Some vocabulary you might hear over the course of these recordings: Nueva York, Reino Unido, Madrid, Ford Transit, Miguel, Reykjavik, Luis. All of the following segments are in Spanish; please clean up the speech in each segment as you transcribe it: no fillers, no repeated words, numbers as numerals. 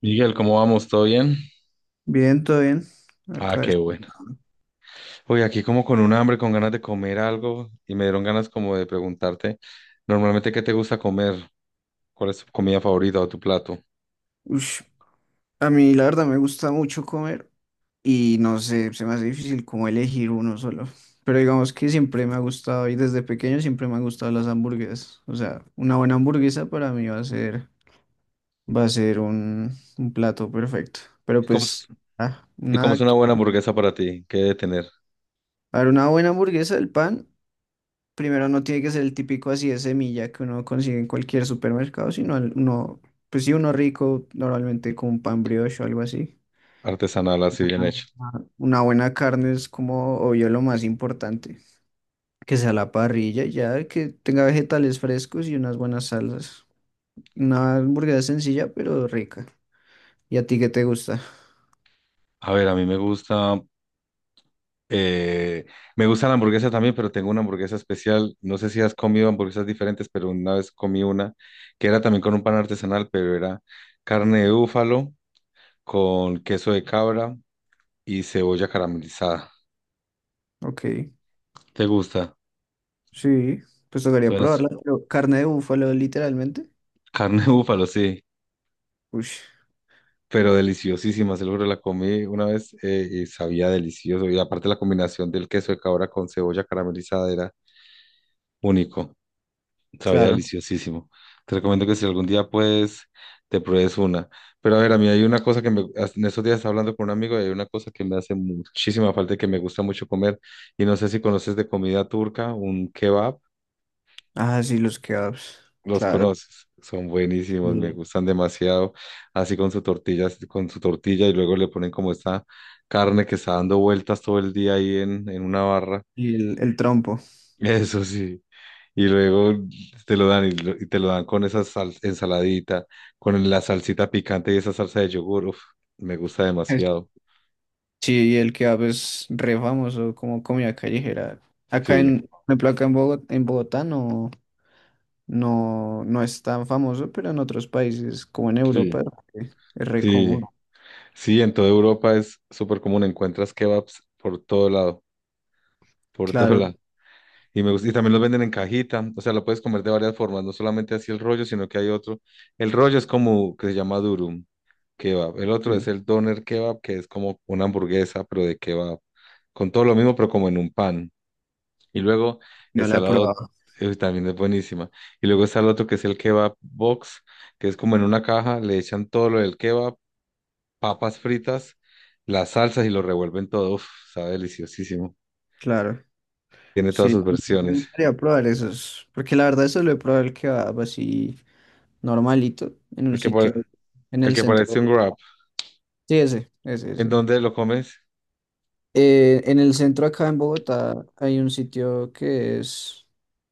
Miguel, ¿cómo vamos? ¿Todo bien? Bien, todo bien. Ah, Acá qué es... bueno. Uy, aquí como con un hambre, con ganas de comer algo y me dieron ganas como de preguntarte, normalmente, ¿qué te gusta comer? ¿Cuál es tu comida favorita o tu plato? Ush, a mí la verdad me gusta mucho comer y no sé, se me hace difícil como elegir uno solo. Pero digamos que siempre me ha gustado y desde pequeño siempre me han gustado las hamburguesas. O sea, una buena hamburguesa para mí va a ser, va a ser un, un plato perfecto. Pero ¿Y cómo es, pues, ah, y cómo es nada. una buena hamburguesa para ti? ¿Qué debe tener? A ver, una buena hamburguesa, el pan, primero no tiene que ser el típico así de semilla que uno consigue en cualquier supermercado, sino pues sí, uno rico, normalmente con un pan brioche o algo así. Artesanal, así bien hecho. Una buena carne es como, obvio, lo más importante. Que sea la parrilla, y ya que tenga vegetales frescos y unas buenas salsas. Una hamburguesa sencilla, pero rica. ¿Y a ti qué te gusta? A ver, a mí eh, me gusta la hamburguesa también, pero tengo una hamburguesa especial. No sé si has comido hamburguesas diferentes, pero una vez comí una que era también con un pan artesanal, pero era carne de búfalo con queso de cabra y cebolla caramelizada. Ok, ¿Te gusta? sí, pues tocaría Suena s- probarla. Pero carne de búfalo, literalmente. carne de búfalo, sí, Uy, pero deliciosísima. Seguro la comí una vez y sabía delicioso. Y aparte la combinación del queso de cabra con cebolla caramelizada era único. Sabía claro. deliciosísimo. Te recomiendo que si algún día puedes, te pruebes una. Pero a ver, a mí hay una cosa que en estos días estaba hablando con un amigo y hay una cosa que me hace muchísima falta y que me gusta mucho comer. Y no sé si conoces de comida turca, un kebab. Ah, sí, los kebabs. Los Claro. conoces, son buenísimos, me Sí. gustan demasiado. Así con su tortilla y luego le ponen como esta carne que está dando vueltas todo el día ahí en una barra. Y el trompo. Eso sí. Y luego te lo dan y, lo- y te lo dan con esa ensaladita, con la salsita picante y esa salsa de yogur. Uf, me gusta Es- demasiado. Sí, y el kebab es re famoso como comida callejera. Acá Sí, en, por ejemplo, acá en Bogotá no. No, no es tan famoso, pero en otros países, como en Europa, sí, eh, es re sí. común. Sí, en toda Europa es súper común. Encuentras kebabs por todo lado, por todo lado. Claro, Y me gusta, y también los venden en cajita, o sea, lo puedes comer de varias formas, no solamente así el rollo, sino que hay otro. El rollo es como que se llama durum kebab. El otro es sí, el doner kebab, que es como una hamburguesa, pero de kebab, con todo lo mismo, pero como en un pan. Y luego el no la he salado probado. También es buenísima. Y luego está el otro que es el kebab box, que es como en una caja, le echan todo lo del kebab, papas fritas, las salsas y lo revuelven todo. Uf, sabe deliciosísimo. Claro, Tiene todas sí, sus me versiones. gustaría probar esos, porque la verdad solo he probado el kebab así normalito, en un El que, pare- sitio, en el el que parece centro. un wrap. Sí, ese, ese, ¿En ese. dónde lo comes? En el centro acá en Bogotá hay un sitio que es,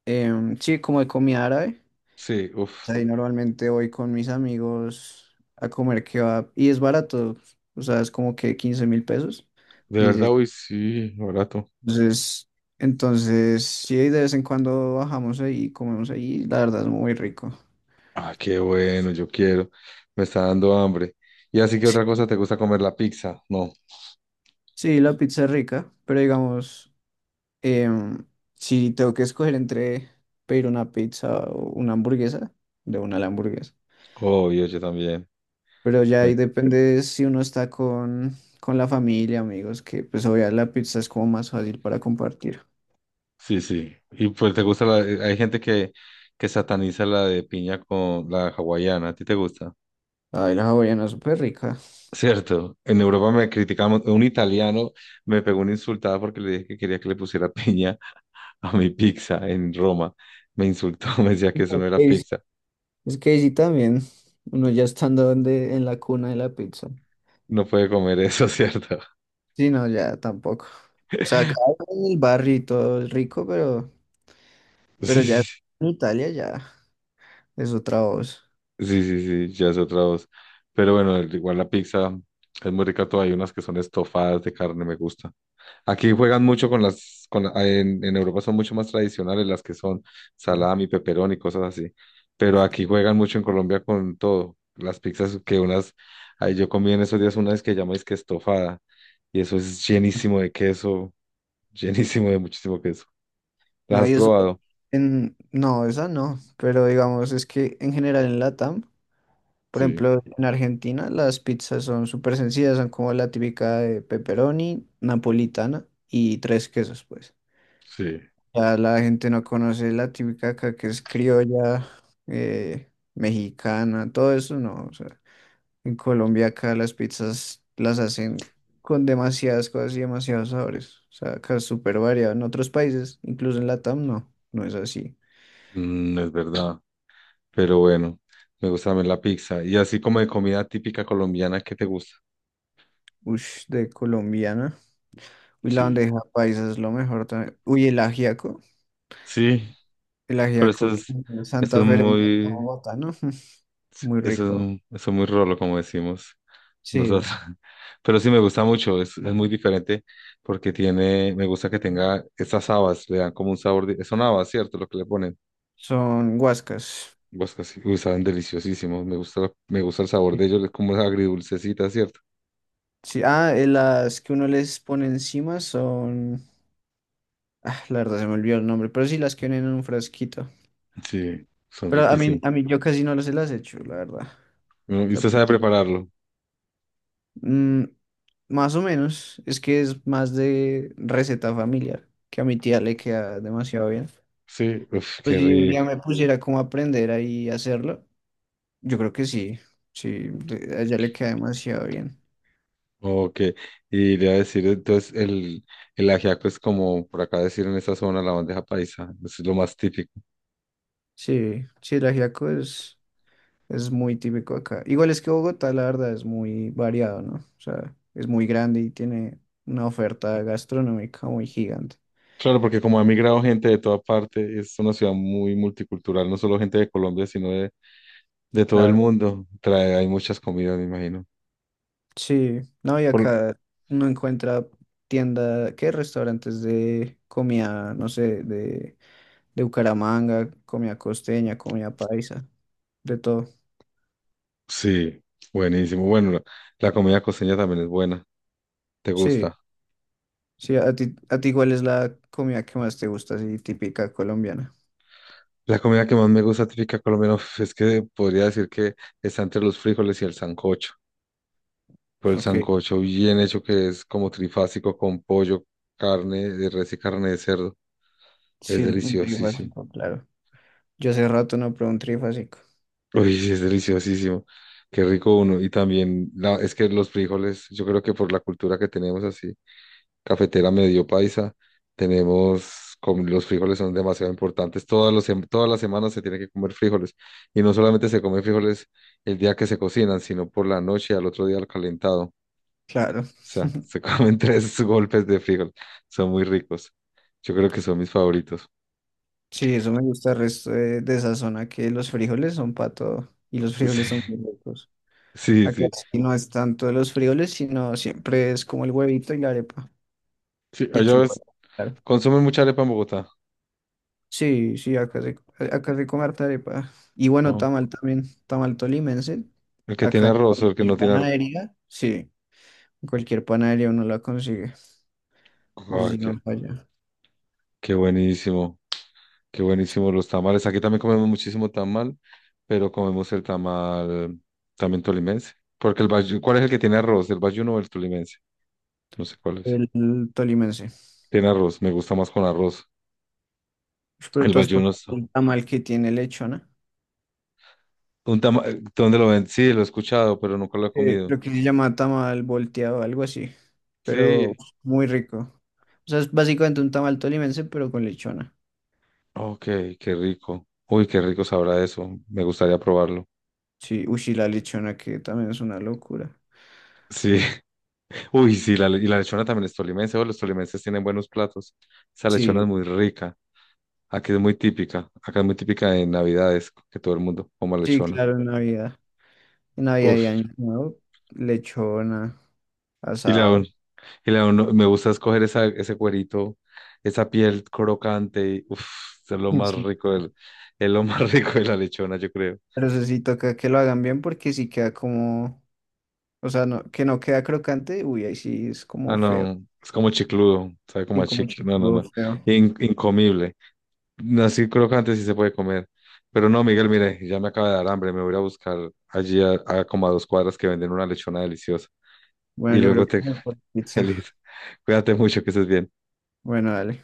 sí, como de comida árabe. Sí, uff, Ahí normalmente voy con mis amigos a comer kebab y es barato, o sea, es como que 15.000 pesos, de verdad, dice. uy, sí, barato. Entonces, entonces, sí, de vez en cuando bajamos ahí y comemos ahí, la verdad es muy rico. Ah, qué bueno, yo quiero. Me está dando hambre. Y así que otra cosa, ¿te gusta comer la pizza? No, Sí, la pizza es rica, pero digamos, em, si tengo que escoger entre pedir una pizza o una hamburguesa, de una la hamburguesa. obvio, yo también. Pero ya ahí Me- depende si uno está con la familia, amigos, que pues obviamente la pizza es como más fácil para compartir. Sí, sí. Y pues hay gente que sataniza la de piña con la hawaiana. ¿A ti te gusta? Ay, la hawaiana es súper rica. Cierto. En Europa me criticamos. Un italiano me pegó una insultada porque le dije que quería que le pusiera piña a mi pizza en Roma. Me insultó, me decía que eso no era Es- pizza. Es que sí también, uno ya estando donde, en la cuna de la pizza. No puede comer eso, ¿cierto? Sí, no, ya tampoco. O sea, acá en el barrio y todo es rico, Sí, pero ya sí, en Italia ya es otra voz. sí, sí, sí, ya es otra voz. Pero bueno, igual la pizza es muy rica, todavía hay unas que son estofadas de carne, me gusta. Aquí juegan mucho con las, con, en Europa son mucho más tradicionales las que son Sí. salami, peperón y cosas así. Pero aquí juegan mucho en Colombia con todo. Las pizzas que unas, ahí yo comí en esos días una vez que llamáis que estofada y eso es llenísimo de queso, llenísimo de muchísimo queso. ¿Las No, has y eso probado? en, no, esa no, pero digamos, es que en general en Latam, por Sí, ejemplo, en Argentina las pizzas son súper sencillas, son como la típica de pepperoni, napolitana y 3 quesos, pues. sí. Ya la gente no conoce la típica acá que es criolla, mexicana, todo eso no. O sea, en Colombia acá las pizzas las hacen con demasiadas cosas y demasiados sabores. O sea, acá es súper variado. En otros países, incluso en Latam, no, no es así. Mm, es verdad. Pero bueno, me gusta también la pizza. Y así como de comida típica colombiana, ¿qué te gusta? Ush, de colombiana. Uy, la Sí. bandeja paisa es lo mejor también. Uy, el ajiaco. Sí, El pero ajiaco que es eso Santa es Fe, muy, ¿no? Muy eso es, rico. un- eso es muy rolo, como decimos Sí, nosotros. Pero sí me gusta mucho, es muy diferente porque tiene, me gusta que tenga estas habas, le dan como un sabor de, son habas, ¿cierto? Lo que le ponen. son guascas. Pues casi, uy, saben deliciosísimos, me gusta el sabor de ellos, es como agridulcecita, ¿cierto? Sí, ah, las que uno les pone encima son... Ah, la verdad se me olvidó el nombre, pero sí las que vienen en un frasquito. Sí, son Pero a mí, riquísimos. a mí yo casi no se las hecho, la verdad. Bueno, O ¿y sea, usted para sabe mí, prepararlo? mm, más o menos, es que es más de receta familiar, que a mi tía le queda demasiado bien. Sí, uf, Pues qué si un rico. día me pusiera como a aprender ahí a hacerlo, yo creo que sí, sí, a ella le queda demasiado bien. Ok, y le iba a decir, entonces el ajiaco es como por acá decir en esa zona la bandeja paisa, es lo más típico. Sí, sí, el ajiaco es... Es muy típico acá. Igual es que Bogotá, la verdad, es muy variado, ¿no? O sea, es muy grande y tiene una oferta gastronómica muy gigante. Claro, porque como ha migrado gente de toda parte, es una ciudad muy multicultural, no solo gente de Colombia, sino de todo el Claro. mundo. Trae, hay muchas comidas, me imagino. Sí, no, y Por- acá uno encuentra tienda, ¿qué? Restaurantes de comida, no sé, de Bucaramanga, comida costeña, comida paisa, de todo. sí, buenísimo. Bueno, la comida costeña también es buena, ¿te Sí, gusta? sí, a ti ¿cuál es la comida que más te gusta, así típica colombiana? La comida que más me gusta típica colombiana uf, es que podría decir que está entre los frijoles y el sancocho. Pero el Ok, sancocho bien hecho que es como trifásico con pollo, carne de res y carne de cerdo. sí, Es el un deliciosísimo. trifásico, claro. Yo hace rato no pruebo un trifásico. Uy, sí, es deliciosísimo. Qué rico uno. Y también es que los frijoles, yo creo que por la cultura que tenemos así, cafetera medio paisa, tenemos, como los frijoles son demasiado importantes. Todas las semanas se tiene que comer frijoles. Y no solamente se come frijoles el día que se cocinan, sino por la noche, al otro día al calentado. Claro. Sea, se comen tres golpes de frijol. Son muy ricos. Yo creo que son mis favoritos. Sí, eso me gusta el resto de esa zona, que los frijoles son para todo y los frijoles son muy ricos. Sí, sí, Acá sí. sí no es tanto de los frijoles, sino siempre es como el huevito y la arepa Sí, y el allá ves, chocolate. Claro. consumen mucha arepa en Bogotá. Sí, sí, acá se come harta arepa. Y bueno, Oh. tamal también, tamal tolimense. El que tiene Acá en arroz o el que no cualquier tiene arroz. panadería, sí, en cualquier panadería uno la consigue. Eso Ay, sí, qué, no falla. qué buenísimo. Qué buenísimo los tamales. Aquí también comemos muchísimo tamal, pero comemos el tamal también tolimense. ¿Cuál es el que tiene arroz? ¿El bayuno o el tolimense? No sé cuál es. El, tolimense. Tiene arroz, me gusta más con arroz. Pero El tú has bayuno probado está. un tamal que tiene lechona. Un tama- ¿Dónde lo ven? Sí, lo he escuchado, pero nunca lo he Eh, comido. creo que se llama tamal volteado, algo así, pero Sí, muy rico. O sea, es básicamente un tamal tolimense, pero con lechona. ok, qué rico. Uy, qué rico sabrá eso. Me gustaría probarlo. Sí, uy, sí, la lechona que también es una locura. Sí, uy, sí, y la lechona también es tolimense. Oh, los tolimenses tienen buenos platos. Esa lechona es Sí, muy rica. Aquí es muy típica. Acá es muy típica en Navidades, que todo el mundo coma sí, lechona. claro, en Navidad. En Navidad y Uf, Año Nuevo, lechona, y la, asado. un- y la uno- me gusta escoger esa, ese cuerito, esa piel crocante. Y, uf, es lo más Sí. rico del, es lo más rico de la lechona, yo creo. Pero eso sí toca que lo hagan bien porque sí queda como, o sea, no, que no queda crocante, uy, ahí sí es Ah, como feo. no, es como chicludo, sabe como Sí, a como chicle. No, no, chiquito, no. feo. Incomible. No, sí, crocante sí se puede comer. Pero no, Miguel, mire, ya me acaba de dar hambre. Me voy a ir a buscar allí a, como a 2 cuadras que venden una lechona deliciosa. Bueno, Y yo creo luego que te... mejor pizza. Feliz. Cuídate mucho, que estés bien. Bueno, dale.